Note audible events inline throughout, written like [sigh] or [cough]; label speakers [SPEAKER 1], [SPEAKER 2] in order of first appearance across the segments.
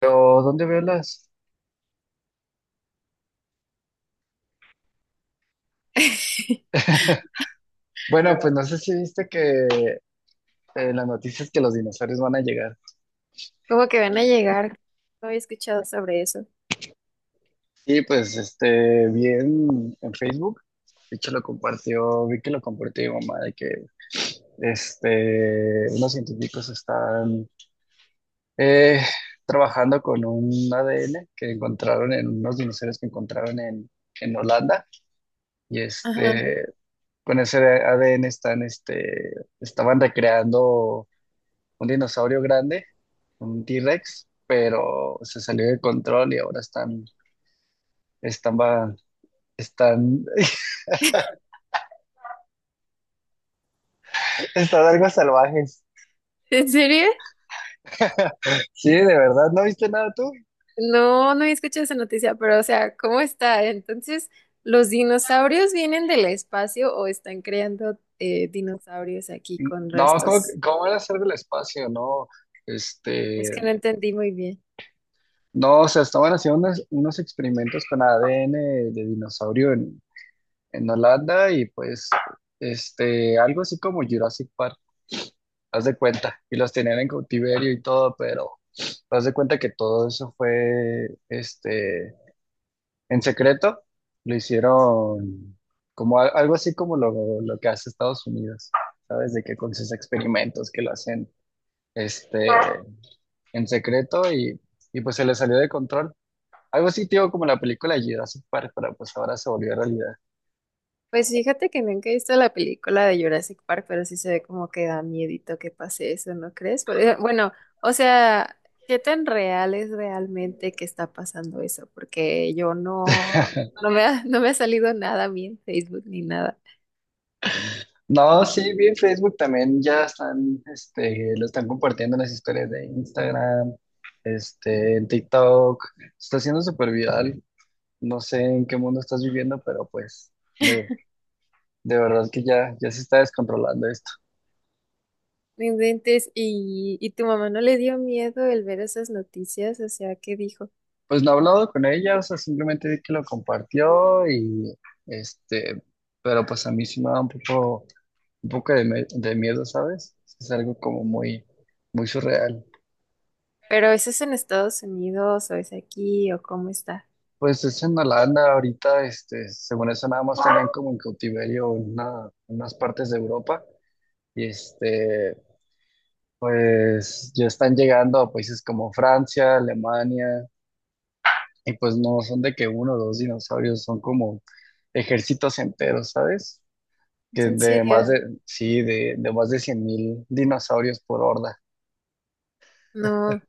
[SPEAKER 1] Pero, ¿dónde veo las?
[SPEAKER 2] [laughs]
[SPEAKER 1] Bueno, pues no sé si viste que las noticias que los dinosaurios van a llegar.
[SPEAKER 2] Como que van a llegar. No había escuchado sobre eso.
[SPEAKER 1] Y pues, este, vi en Facebook, de hecho lo compartió, vi que lo compartió mi mamá, de que, este, unos científicos están eh, trabajando con un ADN que encontraron en unos dinosaurios que encontraron en Holanda. Y
[SPEAKER 2] Ajá.
[SPEAKER 1] este, con ese ADN están, este, estaban recreando un dinosaurio grande, un T-Rex, pero se salió de control y ahora están, va- están, [laughs] están algo salvajes.
[SPEAKER 2] ¿En serio?
[SPEAKER 1] Sí, de verdad, ¿no viste nada tú?
[SPEAKER 2] No, no había escuchado esa noticia, pero o sea, ¿cómo está? Entonces, ¿los dinosaurios vienen del espacio o están creando dinosaurios aquí con
[SPEAKER 1] No,
[SPEAKER 2] restos?
[SPEAKER 1] cómo era hacer del espacio? No,
[SPEAKER 2] Es
[SPEAKER 1] este,
[SPEAKER 2] que no entendí muy bien.
[SPEAKER 1] no, o sea, estaban haciendo unos experimentos con ADN de dinosaurio en Holanda y pues, este, algo así como Jurassic Park, haz de cuenta, y los tenían en cautiverio y todo, pero haz de cuenta que todo eso fue, este, en secreto, lo hicieron como algo así como lo que hace Estados Unidos, ¿sabes? De que con sus experimentos que lo hacen, este, en secreto y pues se le salió de control. Algo así, tío, como la película Jurassic Park, pero pues ahora se volvió realidad.
[SPEAKER 2] Pues fíjate que nunca he visto la película de Jurassic Park, pero sí se ve como que da miedito que pase eso, ¿no crees? Bueno, o sea, ¿qué tan real es realmente que está pasando eso? Porque yo no, no me ha, [laughs] no me ha salido nada a mí en Facebook ni nada.
[SPEAKER 1] No, sí, vi en Facebook también, ya están, este, lo están compartiendo en las historias de Instagram, este, en TikTok, se está haciendo súper viral. No sé en qué mundo estás viviendo, pero pues de, de verdad que ya se está descontrolando esto.
[SPEAKER 2] No inventes, y tu mamá no le dio miedo el ver esas noticias, o sea, ¿qué dijo?
[SPEAKER 1] Pues no he hablado con ella, o sea, simplemente vi que lo compartió y este, pero pues a mí sí me da un poco de miedo, ¿sabes? Es algo como muy, muy surreal.
[SPEAKER 2] Pero ¿eso es en Estados Unidos o es aquí o cómo está?
[SPEAKER 1] Pues es en Holanda ahorita, este, según eso nada más tenían como en cautiverio unas partes de Europa y este, pues ya están llegando a países como Francia, Alemania, y pues no son de que uno o dos dinosaurios, son como ejércitos enteros, ¿sabes?
[SPEAKER 2] ¿Es
[SPEAKER 1] Que
[SPEAKER 2] en
[SPEAKER 1] de más,
[SPEAKER 2] serio?
[SPEAKER 1] ah, sí, de más de 100.000 dinosaurios por horda.
[SPEAKER 2] No.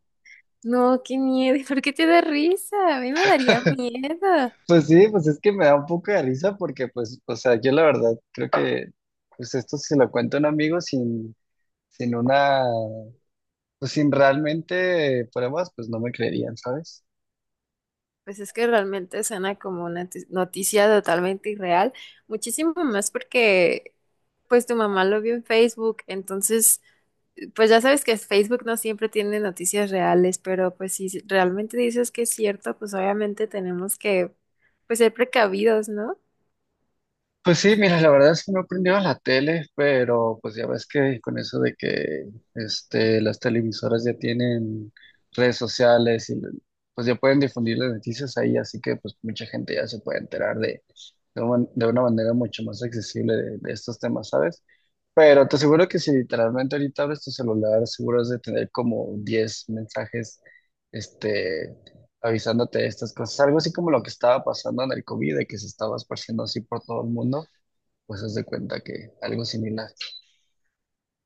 [SPEAKER 2] No, qué miedo. ¿Por qué te da risa? A mí me daría miedo.
[SPEAKER 1] Pues sí, pues es que me da un poco de risa porque, pues, o sea, yo la verdad creo que, pues esto se lo cuento a un amigo sin una, pues sin realmente pruebas, pues no me creerían, ¿sabes?
[SPEAKER 2] Pues es que realmente suena como una noticia totalmente irreal. Muchísimo más porque pues tu mamá lo vio en Facebook. Entonces, pues ya sabes que Facebook no siempre tiene noticias reales, pero pues si realmente dices que es cierto, pues obviamente tenemos que pues ser precavidos, ¿no?
[SPEAKER 1] Pues sí, mira, la verdad es que no he aprendido a la tele, pero pues ya ves que con eso de que este, las televisoras ya tienen redes sociales y pues ya pueden difundir las noticias ahí, así que pues mucha gente ya se puede enterar de una manera mucho más accesible de estos temas, ¿sabes? Pero te aseguro que si literalmente ahorita abres tu celular, seguro has de tener como 10 mensajes, este, avisándote de estas cosas, algo así como lo que estaba pasando en el COVID, de que se estaba esparciendo así por todo el mundo. Pues haz de cuenta que algo similar.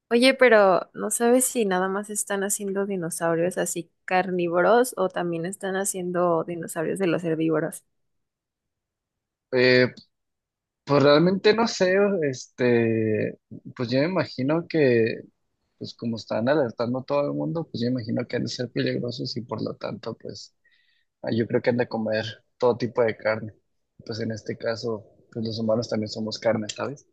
[SPEAKER 2] Oye, pero ¿no sabes si nada más están haciendo dinosaurios así carnívoros o también están haciendo dinosaurios de los herbívoros?
[SPEAKER 1] Eh, pues realmente no sé, este, pues yo me imagino que, pues como están alertando a todo el mundo, pues yo me imagino que han de ser peligrosos y por lo tanto, pues yo creo que han de comer todo tipo de carne. Pues en este caso, pues los humanos también somos carne, ¿sabes?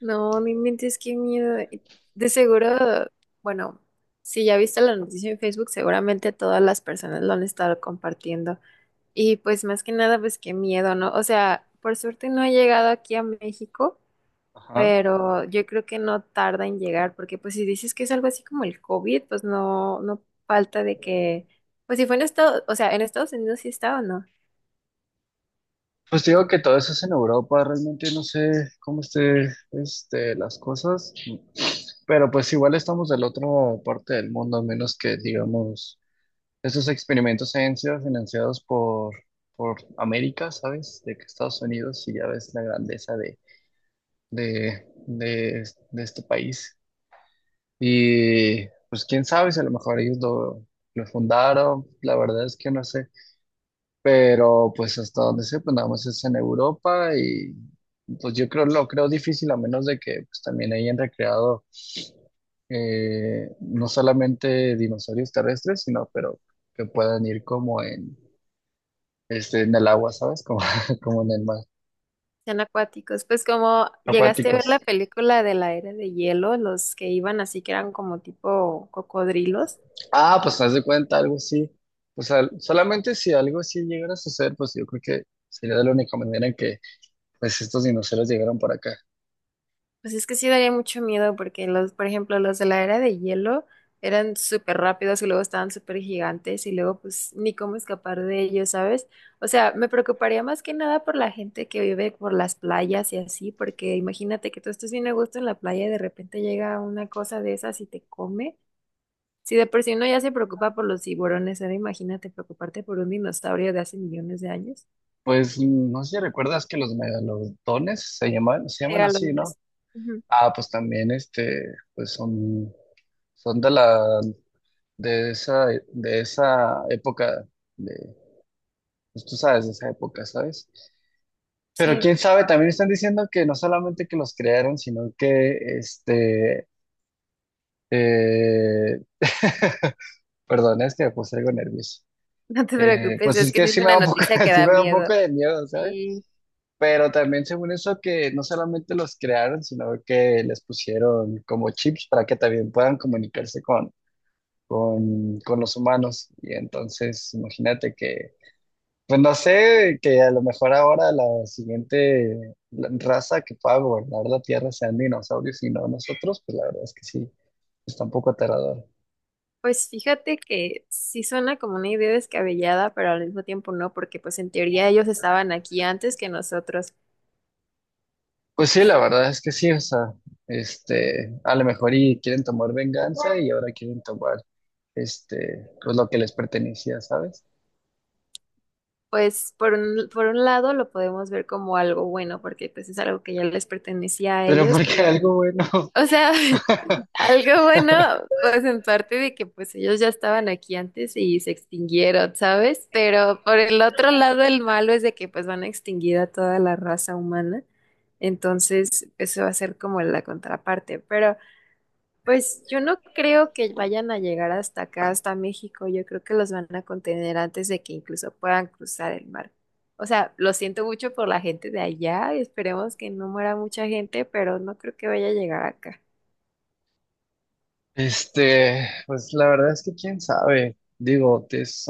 [SPEAKER 2] No, no inventes qué miedo. Y de seguro, bueno, si ya viste la noticia en Facebook, seguramente todas las personas lo han estado compartiendo. Y pues más que nada, pues qué miedo, ¿no? O sea, por suerte no ha llegado aquí a México,
[SPEAKER 1] Ajá.
[SPEAKER 2] pero yo creo que no tarda en llegar, porque pues si dices que es algo así como el COVID, pues no falta de que, pues si fue en Estados, o sea, en Estados Unidos sí está o no.
[SPEAKER 1] Pues digo que todo eso es en Europa, realmente no sé cómo esté, este, las cosas, pero pues igual estamos del otro parte del mundo, a menos que digamos esos experimentos han sido financiados por América, ¿sabes? De que Estados Unidos, y ya ves la grandeza de este país. Y pues quién sabe si a lo mejor ellos lo fundaron, la verdad es que no sé. Pero pues hasta donde sé, pues nada más es en Europa y pues yo creo, lo creo difícil a menos de que pues también hayan recreado no solamente dinosaurios terrestres, sino pero que puedan ir como en este, en el agua, ¿sabes? Como, [laughs] como en el mar.
[SPEAKER 2] Son acuáticos. Pues como llegaste a ver
[SPEAKER 1] Acuáticos.
[SPEAKER 2] la película de la era de hielo, los que iban así que eran como tipo cocodrilos,
[SPEAKER 1] Ah, pues haz de cuenta, algo así. Pues solamente si algo así llegara a suceder, pues yo creo que sería de la única manera en que pues estos dinosaurios llegaron por acá.
[SPEAKER 2] pues es que sí daría mucho miedo porque los, por ejemplo, los de la era de hielo eran súper rápidos y luego estaban súper gigantes y luego pues ni cómo escapar de ellos, ¿sabes? O sea, me preocuparía más que nada por la gente que vive por las playas y así, porque imagínate que tú estés bien a gusto en la playa y de repente llega una cosa de esas y te come. Si de por sí uno ya se preocupa por los tiburones, ahora imagínate preocuparte por un dinosaurio de hace millones de años.
[SPEAKER 1] Pues no sé si recuerdas que los megalodones se llaman así, ¿no?
[SPEAKER 2] Megalodones. Ujú.
[SPEAKER 1] Ah, pues también este, pues son, son de la, de esa, de esa época, de, pues tú sabes, de esa época, ¿sabes?
[SPEAKER 2] Sí,
[SPEAKER 1] Pero quién sabe, también están diciendo que no solamente que los crearon, sino que este, eh, [laughs] perdón, es que me puse algo nervioso.
[SPEAKER 2] [laughs] no te preocupes,
[SPEAKER 1] Pues
[SPEAKER 2] es
[SPEAKER 1] es
[SPEAKER 2] que
[SPEAKER 1] que
[SPEAKER 2] sí es
[SPEAKER 1] sí me
[SPEAKER 2] una
[SPEAKER 1] da un poco,
[SPEAKER 2] noticia que
[SPEAKER 1] [laughs] sí
[SPEAKER 2] da
[SPEAKER 1] me da un
[SPEAKER 2] miedo.
[SPEAKER 1] poco de miedo, ¿sabes? Pero también según eso que no solamente los crearon, sino que les pusieron como chips para que también puedan comunicarse con los humanos. Y entonces, imagínate que pues no sé, que a lo mejor ahora la siguiente raza que pueda gobernar la Tierra sean dinosaurios y no nosotros, pues la verdad es que sí, está un poco aterrador.
[SPEAKER 2] Pues fíjate que sí suena como una idea descabellada, pero al mismo tiempo no, porque pues en teoría ellos estaban aquí antes que nosotros.
[SPEAKER 1] Pues sí, la verdad es que sí, o sea, este, a lo mejor y quieren tomar venganza y ahora quieren tomar, este, pues lo que les pertenecía, ¿sabes?
[SPEAKER 2] Pues por un lado lo podemos ver como algo bueno, porque pues es algo que ya les pertenecía a
[SPEAKER 1] Pero [laughs]
[SPEAKER 2] ellos,
[SPEAKER 1] porque
[SPEAKER 2] pero,
[SPEAKER 1] algo bueno, [laughs]
[SPEAKER 2] o sea, [laughs] algo bueno, pues en parte de que pues ellos ya estaban aquí antes y se extinguieron, ¿sabes? Pero por el otro lado, el malo es de que pues van a extinguir a toda la raza humana. Entonces, eso va a ser como la contraparte. Pero pues yo no creo que vayan a llegar hasta acá, hasta México. Yo creo que los van a contener antes de que incluso puedan cruzar el mar. O sea, lo siento mucho por la gente de allá. Esperemos que no muera mucha gente, pero no creo que vaya a llegar acá.
[SPEAKER 1] este, pues la verdad es que quién sabe, digo, es,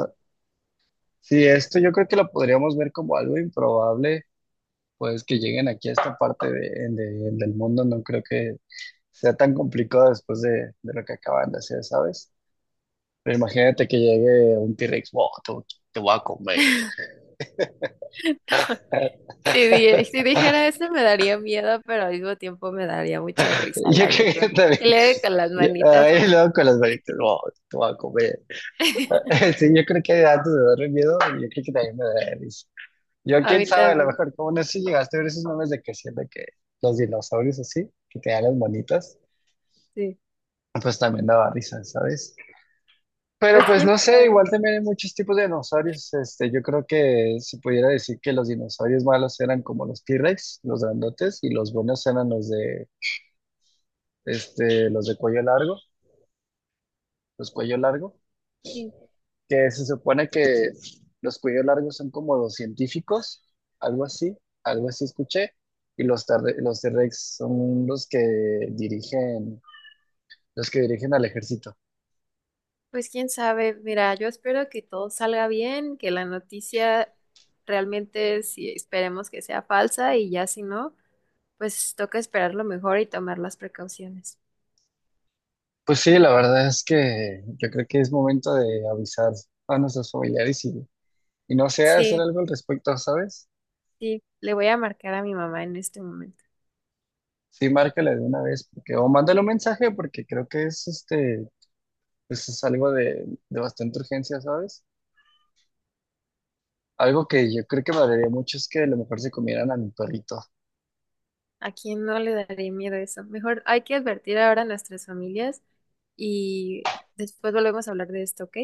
[SPEAKER 1] sí, esto yo creo que lo podríamos ver como algo improbable, pues que lleguen aquí a esta parte del mundo, no creo que sea tan complicado después de lo que acaban de hacer, ¿sabes? Pero imagínate que llegue un T-Rex, wow, te voy a comer.
[SPEAKER 2] Si, si dijera eso me daría miedo, pero al mismo tiempo me daría mucha
[SPEAKER 1] [laughs]
[SPEAKER 2] risa,
[SPEAKER 1] Yo
[SPEAKER 2] la
[SPEAKER 1] creo que
[SPEAKER 2] verdad.
[SPEAKER 1] también,
[SPEAKER 2] Y luego con las manitas
[SPEAKER 1] ahí
[SPEAKER 2] así.
[SPEAKER 1] luego con las manitas, wow, te voy a comer.
[SPEAKER 2] [laughs]
[SPEAKER 1] [laughs] Sí, yo creo que antes de darme miedo, yo creo que también me daría risa. Yo,
[SPEAKER 2] A
[SPEAKER 1] quién
[SPEAKER 2] mí
[SPEAKER 1] sabe, a lo
[SPEAKER 2] también,
[SPEAKER 1] mejor, como no sé si llegaste a ver esos memes de que siempre que los dinosaurios así, que te dan las manitas,
[SPEAKER 2] sí.
[SPEAKER 1] pues también daba risa, ¿sabes? Pero
[SPEAKER 2] Pues
[SPEAKER 1] pues
[SPEAKER 2] quién
[SPEAKER 1] no sé,
[SPEAKER 2] sabe,
[SPEAKER 1] igual también hay muchos tipos de dinosaurios. Este, yo creo que se pudiera decir que los dinosaurios malos eran como los T-Rex, los grandotes, y los buenos eran los de, este, los de cuello largo, los cuello largo,
[SPEAKER 2] sí.
[SPEAKER 1] que se supone que los cuello largos son como los científicos, algo así, algo así escuché, y los T-Rex son dirigen, los que dirigen al ejército.
[SPEAKER 2] Pues quién sabe. Mira, yo espero que todo salga bien, que la noticia realmente, si esperemos que sea falsa y ya si no, pues toca esperar lo mejor y tomar las precauciones.
[SPEAKER 1] Pues sí, la verdad es que yo creo que es momento de avisar a nuestros familiares y no sé hacer
[SPEAKER 2] Sí,
[SPEAKER 1] algo al respecto, ¿sabes?
[SPEAKER 2] sí. Le voy a marcar a mi mamá en este momento.
[SPEAKER 1] Sí, márcale de una vez, porque, o mándale un mensaje, porque creo que es este, pues es algo de bastante urgencia, ¿sabes? Algo que yo creo que valería mucho es que a lo mejor se comieran a mi perrito.
[SPEAKER 2] ¿A quién no le daría miedo eso? Mejor hay que advertir ahora a nuestras familias y después volvemos a hablar de esto, ¿ok?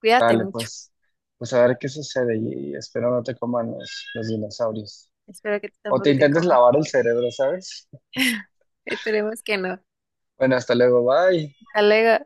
[SPEAKER 2] Cuídate
[SPEAKER 1] Dale,
[SPEAKER 2] mucho.
[SPEAKER 1] pues, pues a ver qué sucede y espero no te coman los dinosaurios.
[SPEAKER 2] Espero que tú
[SPEAKER 1] O te
[SPEAKER 2] tampoco te
[SPEAKER 1] intentes
[SPEAKER 2] comas.
[SPEAKER 1] lavar el cerebro, ¿sabes?
[SPEAKER 2] Esperemos que no.
[SPEAKER 1] Bueno, hasta luego, bye.
[SPEAKER 2] Hasta luego.